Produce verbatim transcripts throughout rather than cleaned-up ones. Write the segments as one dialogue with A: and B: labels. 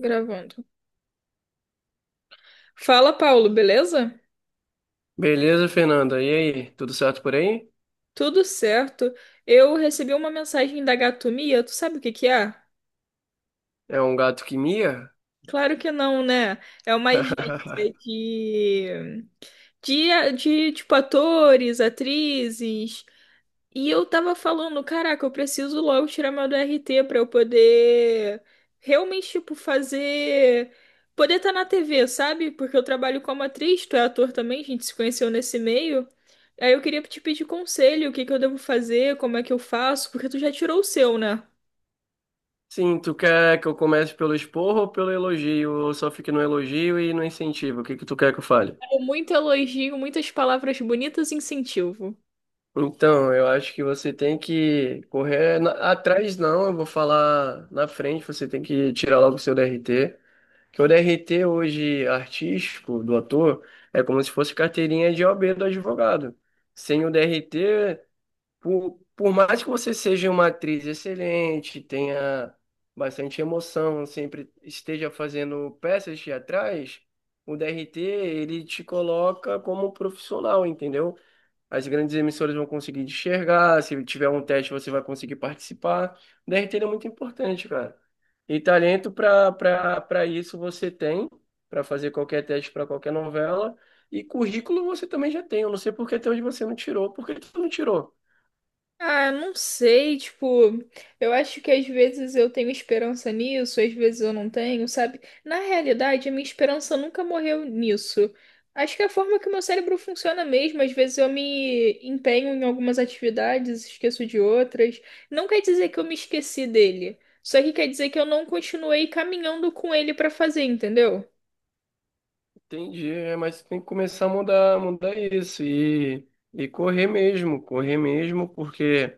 A: Gravando. Fala, Paulo, beleza?
B: Beleza, Fernanda? E aí, tudo certo por aí?
A: Tudo certo. Eu recebi uma mensagem da Gatomia. Tu sabe o que que é?
B: É um gato que mia?
A: Claro que não, né? É uma agência de, de, de tipo, atores, atrizes. E eu tava falando, caraca, eu preciso logo tirar meu D R T pra eu poder realmente, tipo, fazer. Poder estar na T V, sabe? Porque eu trabalho como atriz, tu é ator também, a gente se conheceu nesse meio. Aí eu queria te pedir conselho, o que que eu devo fazer, como é que eu faço, porque tu já tirou o seu, né?
B: Sim, tu quer que eu comece pelo esporro ou pelo elogio? Ou só fique no elogio e no incentivo? O que que tu quer que eu fale?
A: Muito elogio, muitas palavras bonitas e incentivo.
B: Então, eu acho que você tem que correr na- atrás, não, eu vou falar na frente, você tem que tirar logo o seu D R T. Que o D R T hoje artístico do ator é como se fosse carteirinha de O A B do advogado. Sem o D R T, Por, por mais que você seja uma atriz excelente, tenha bastante emoção, sempre esteja fazendo peças teatrais, o D R T ele te coloca como profissional, entendeu? As grandes emissoras vão conseguir te enxergar, se tiver um teste você vai conseguir participar. O D R T ele é muito importante, cara. E talento para para para isso você tem, para fazer qualquer teste para qualquer novela. E currículo você também já tem. Eu não sei por que até hoje você não tirou. Por que tu não tirou?
A: Ah, eu não sei, tipo, eu acho que às vezes eu tenho esperança nisso, às vezes eu não tenho, sabe? Na realidade, a minha esperança nunca morreu nisso. Acho que é a forma que o meu cérebro funciona mesmo, às vezes eu me empenho em algumas atividades, esqueço de outras. Não quer dizer que eu me esqueci dele, só que quer dizer que eu não continuei caminhando com ele pra fazer, entendeu?
B: Entendi, é, mas tem que começar a mudar, mudar isso e, e correr mesmo, correr mesmo, porque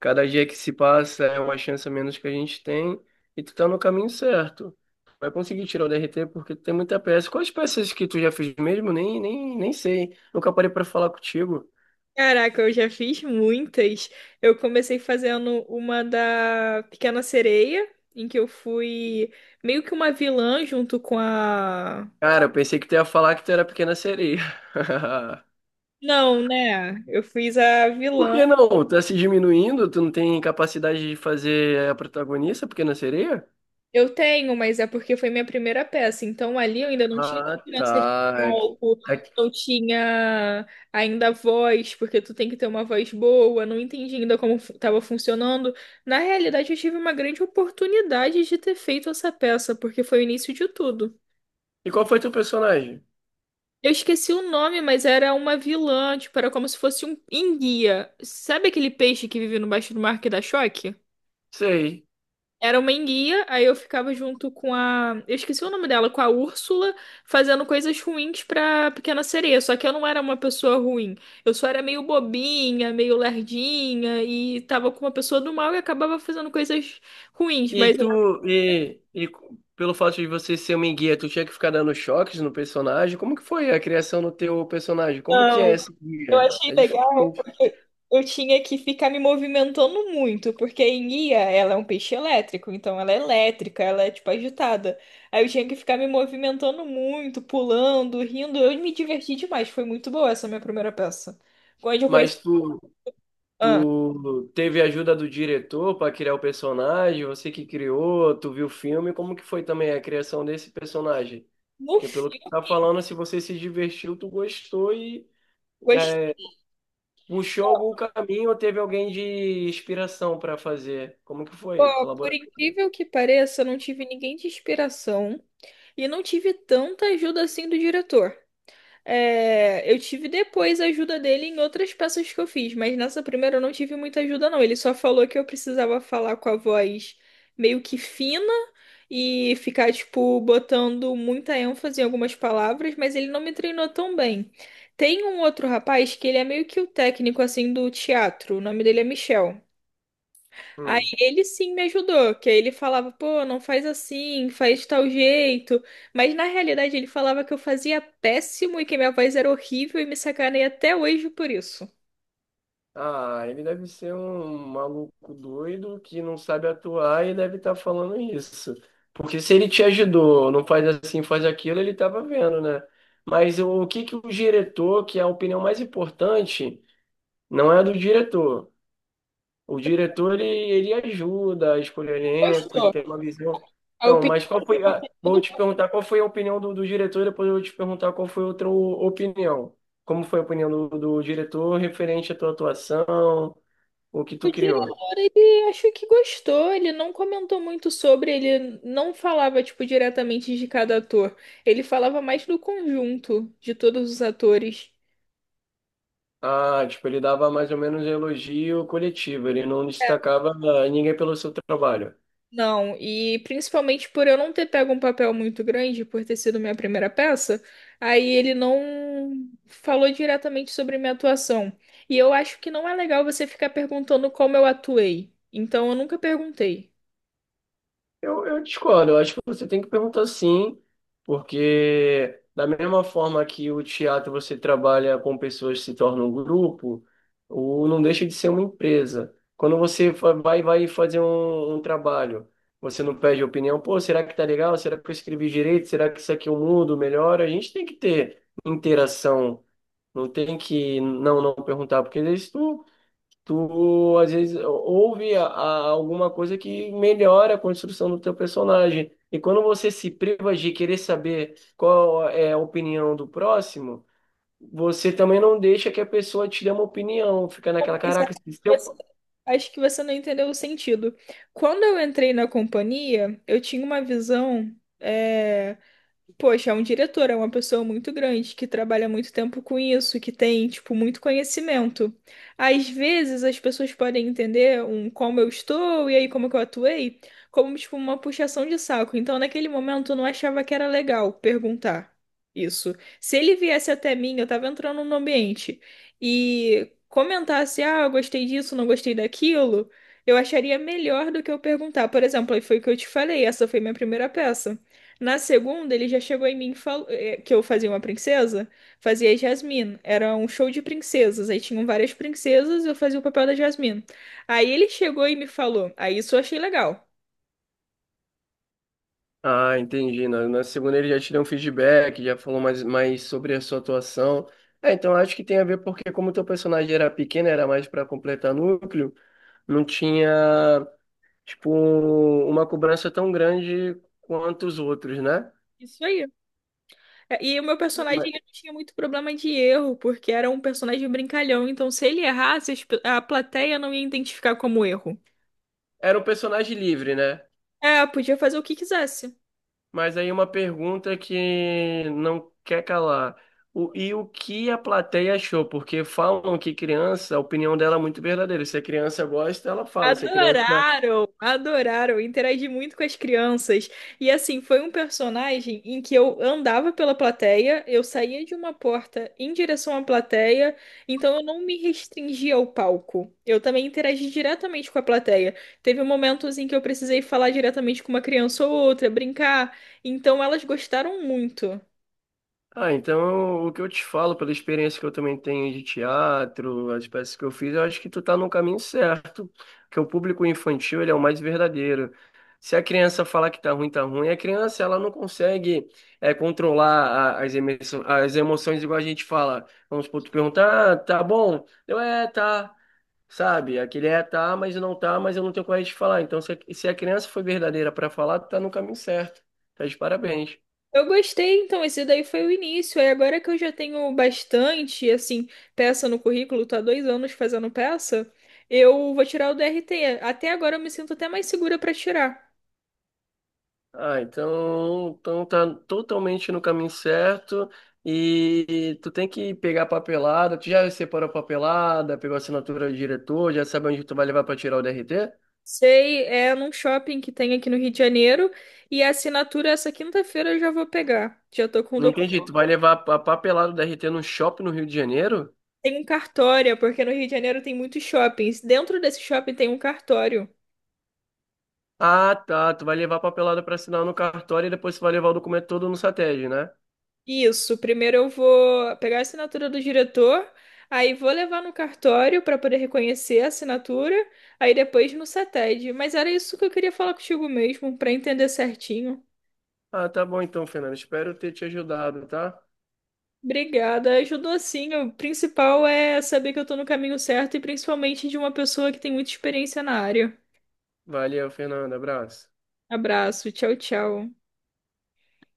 B: cada dia que se passa é uma chance a menos que a gente tem e tu tá no caminho certo. Vai conseguir tirar o D R T porque tu tem muita peça. Quais peças que tu já fez mesmo? Nem, nem, nem sei. Nunca parei pra falar contigo.
A: Caraca, eu já fiz muitas. Eu comecei fazendo uma da Pequena Sereia, em que eu fui meio que uma vilã junto com a.
B: Cara, eu pensei que tu ia falar que tu era pequena sereia.
A: Não, né? Eu fiz a
B: Por
A: vilã.
B: que não? Tá se diminuindo? Tu não tem capacidade de fazer a protagonista, pequena sereia?
A: Eu tenho, mas é porque foi minha primeira peça. Então ali eu ainda não tinha
B: Ah,
A: segurança de
B: tá. É que,
A: palco,
B: é
A: não tinha ainda voz, porque tu tem que ter uma voz boa. Não entendi ainda como estava funcionando. Na realidade, eu tive uma grande oportunidade de ter feito essa peça, porque foi o início de tudo.
B: E qual foi teu personagem?
A: Eu esqueci o nome, mas era uma vilã, tipo, era como se fosse um enguia. Sabe aquele peixe que vive no baixo do mar que dá choque?
B: Sei.
A: Era uma enguia, aí eu ficava junto com a. Eu esqueci o nome dela, com a Úrsula, fazendo coisas ruins pra Pequena Sereia. Só que eu não era uma pessoa ruim. Eu só era meio bobinha, meio lerdinha, e tava com uma pessoa do mal e acabava fazendo coisas ruins.
B: E
A: Mas
B: tu, e, e pelo fato de você ser uma enguia, tu tinha que ficar dando choques no personagem? Como que foi a criação do teu personagem? Como que é
A: ela
B: essa
A: eu
B: guia?
A: achei
B: É
A: legal
B: diferente.
A: porque eu tinha que ficar me movimentando muito, porque a enguia, ela é um peixe elétrico, então ela é elétrica, ela é tipo agitada. Aí eu tinha que ficar me movimentando muito, pulando, rindo. Eu me diverti demais, foi muito boa essa minha primeira peça. Quando eu conheci.
B: Mas tu,
A: Ah,
B: tu teve a ajuda do diretor para criar o personagem? Você que criou, tu viu o filme? Como que foi também a criação desse personagem?
A: no
B: Porque pelo que tu
A: filme,
B: tá falando, se você se divertiu, tu gostou e é,
A: gostei.
B: puxou algum caminho ou teve alguém de inspiração para fazer? Como que foi
A: Ó,
B: a
A: por
B: laboratório?
A: incrível que pareça, eu não tive ninguém de inspiração e não tive tanta ajuda assim do diretor. É, eu tive depois a ajuda dele em outras peças que eu fiz, mas nessa primeira eu não tive muita ajuda, não. Ele só falou que eu precisava falar com a voz meio que fina e ficar, tipo, botando muita ênfase em algumas palavras, mas ele não me treinou tão bem. Tem um outro rapaz que ele é meio que o técnico, assim, do teatro. O nome dele é Michel. Aí
B: Hum.
A: ele sim me ajudou, que aí ele falava, pô, não faz assim, faz de tal jeito. Mas na realidade ele falava que eu fazia péssimo e que minha voz era horrível e me sacaneia até hoje por isso.
B: Ah, ele deve ser um maluco doido que não sabe atuar e deve estar falando isso. Porque se ele te ajudou, não faz assim, faz aquilo, ele estava vendo, né? Mas o que que o diretor, que é a opinião mais importante, não é a do diretor. O diretor, ele, ele ajuda a escolher elenco, ele
A: Gostou.
B: tem uma visão.
A: Aí eu
B: Então,
A: pedi
B: mas qual foi a... Vou te perguntar qual foi a opinião do, do diretor, depois eu vou te perguntar qual foi outra o- opinião. Como foi a opinião do, do diretor referente à tua atuação, o que
A: pro
B: tu criou?
A: diretor, ele achou que gostou, ele não comentou muito sobre, ele não falava, tipo, diretamente de cada ator. Ele falava mais do conjunto de todos os atores.
B: Ah, tipo, ele dava mais ou menos elogio coletivo, ele não destacava ninguém pelo seu trabalho.
A: Não, e principalmente por eu não ter pego um papel muito grande, por ter sido minha primeira peça, aí ele não falou diretamente sobre minha atuação. E eu acho que não é legal você ficar perguntando como eu atuei. Então eu nunca perguntei.
B: Eu, eu discordo, eu acho que você tem que perguntar sim, porque da mesma forma que o teatro você trabalha com pessoas que se tornam um grupo, o não deixa de ser uma empresa. Quando você fa- vai, vai fazer um, um trabalho, você não pede opinião, pô, será que tá legal? Será que eu escrevi direito? Será que isso aqui eu mudo, melhor? A gente tem que ter interação, não tem que não, não perguntar, porque isso tu, às vezes, ouve a- a- alguma coisa que melhora a construção do teu personagem. E quando você se priva de querer saber qual é a opinião do próximo, você também não deixa que a pessoa te dê uma opinião. Fica naquela,
A: Mas
B: caraca, se
A: Acho que
B: eu...
A: você acho que você não entendeu o sentido. Quando eu entrei na companhia, eu tinha uma visão. eh, Poxa, é um diretor, é uma pessoa muito grande que trabalha muito tempo com isso, que tem, tipo, muito conhecimento. Às vezes as pessoas podem entender um como eu estou e aí como que eu atuei, como tipo uma puxação de saco. Então, naquele momento eu não achava que era legal perguntar isso. Se ele viesse até mim, eu tava entrando no ambiente e comentasse, ah, eu gostei disso, não gostei daquilo, eu acharia melhor do que eu perguntar. Por exemplo, aí foi o que eu te falei, essa foi minha primeira peça. Na segunda, ele já chegou em mim e falou eh, que eu fazia uma princesa, fazia a Jasmine. Era um show de princesas, aí tinham várias princesas, eu fazia o papel da Jasmine. Aí ele chegou e me falou, aí isso eu achei legal.
B: Ah, entendi. Na, na segunda ele já te deu um feedback, já falou mais, mais sobre a sua atuação. É, então acho que tem a ver porque como teu personagem era pequeno, era mais para completar núcleo, não tinha. Tipo, um- uma cobrança tão grande quanto os outros, né?
A: Isso aí. É, E o meu personagem
B: Mas-
A: ele não tinha muito problema de erro, porque era um personagem brincalhão, então se ele errasse, as pe- a plateia não ia identificar como erro.
B: Era um personagem livre, né?
A: É, podia fazer o que quisesse.
B: Mas aí uma pergunta que não quer calar. O, e o que a plateia achou? Porque falam que criança, a opinião dela é muito verdadeira. Se a criança gosta, ela fala. Se a criança...
A: Adoraram, adoraram, interagi muito com as crianças. E assim, foi um personagem em que eu andava pela plateia, eu saía de uma porta em direção à plateia, então eu não me restringia ao palco. Eu também interagi diretamente com a plateia. Teve momentos em que eu precisei falar diretamente com uma criança ou outra, brincar, então elas gostaram muito.
B: Ah, então o que eu te falo, pela experiência que eu também tenho de teatro, as peças que eu fiz, eu acho que tu tá no caminho certo, que o público infantil, ele é o mais verdadeiro. Se a criança falar que tá ruim, tá ruim, a criança, ela não consegue é, controlar a- as emoções, as emoções igual a gente fala. Vamos supor, tu perguntar, ah, tá bom? Eu, é, tá, sabe? Aquele é, tá, mas não tá, mas eu não tenho coragem de falar. Então, se a, se a criança foi verdadeira para falar, tu tá no caminho certo. Tá de parabéns.
A: Eu gostei, então, esse daí foi o início. Aí agora que eu já tenho bastante, assim, peça no currículo, tô há dois anos fazendo peça, eu vou tirar o D R T. Até agora eu me sinto até mais segura para tirar.
B: Ah, então, então tá totalmente no caminho certo e tu tem que pegar a papelada. Tu já separou a papelada, pegou a assinatura do diretor, já sabe onde tu vai levar para tirar o D R T?
A: Sei, é num shopping que tem aqui no Rio de Janeiro, e a assinatura essa quinta-feira eu já vou pegar. Já tô com o
B: Não entendi, tu
A: documento.
B: vai levar a papelada do D R T no shopping no Rio de Janeiro?
A: Tem um cartório, porque no Rio de Janeiro tem muitos shoppings. Dentro desse shopping tem um cartório.
B: Ah, tá, tu vai levar a papelada para assinar no cartório e depois tu vai levar o documento todo no SATED, né?
A: Isso, primeiro eu vou pegar a assinatura do diretor, aí vou levar no cartório para poder reconhecer a assinatura, aí depois no cetede. Mas era isso que eu queria falar contigo mesmo, para entender certinho.
B: Ah, tá bom então, Fernando. Espero ter te ajudado, tá?
A: Obrigada, ajudou sim. O principal é saber que eu tô no caminho certo e principalmente de uma pessoa que tem muita experiência na área.
B: Valeu, Fernando. Abraço.
A: Abraço, tchau, tchau.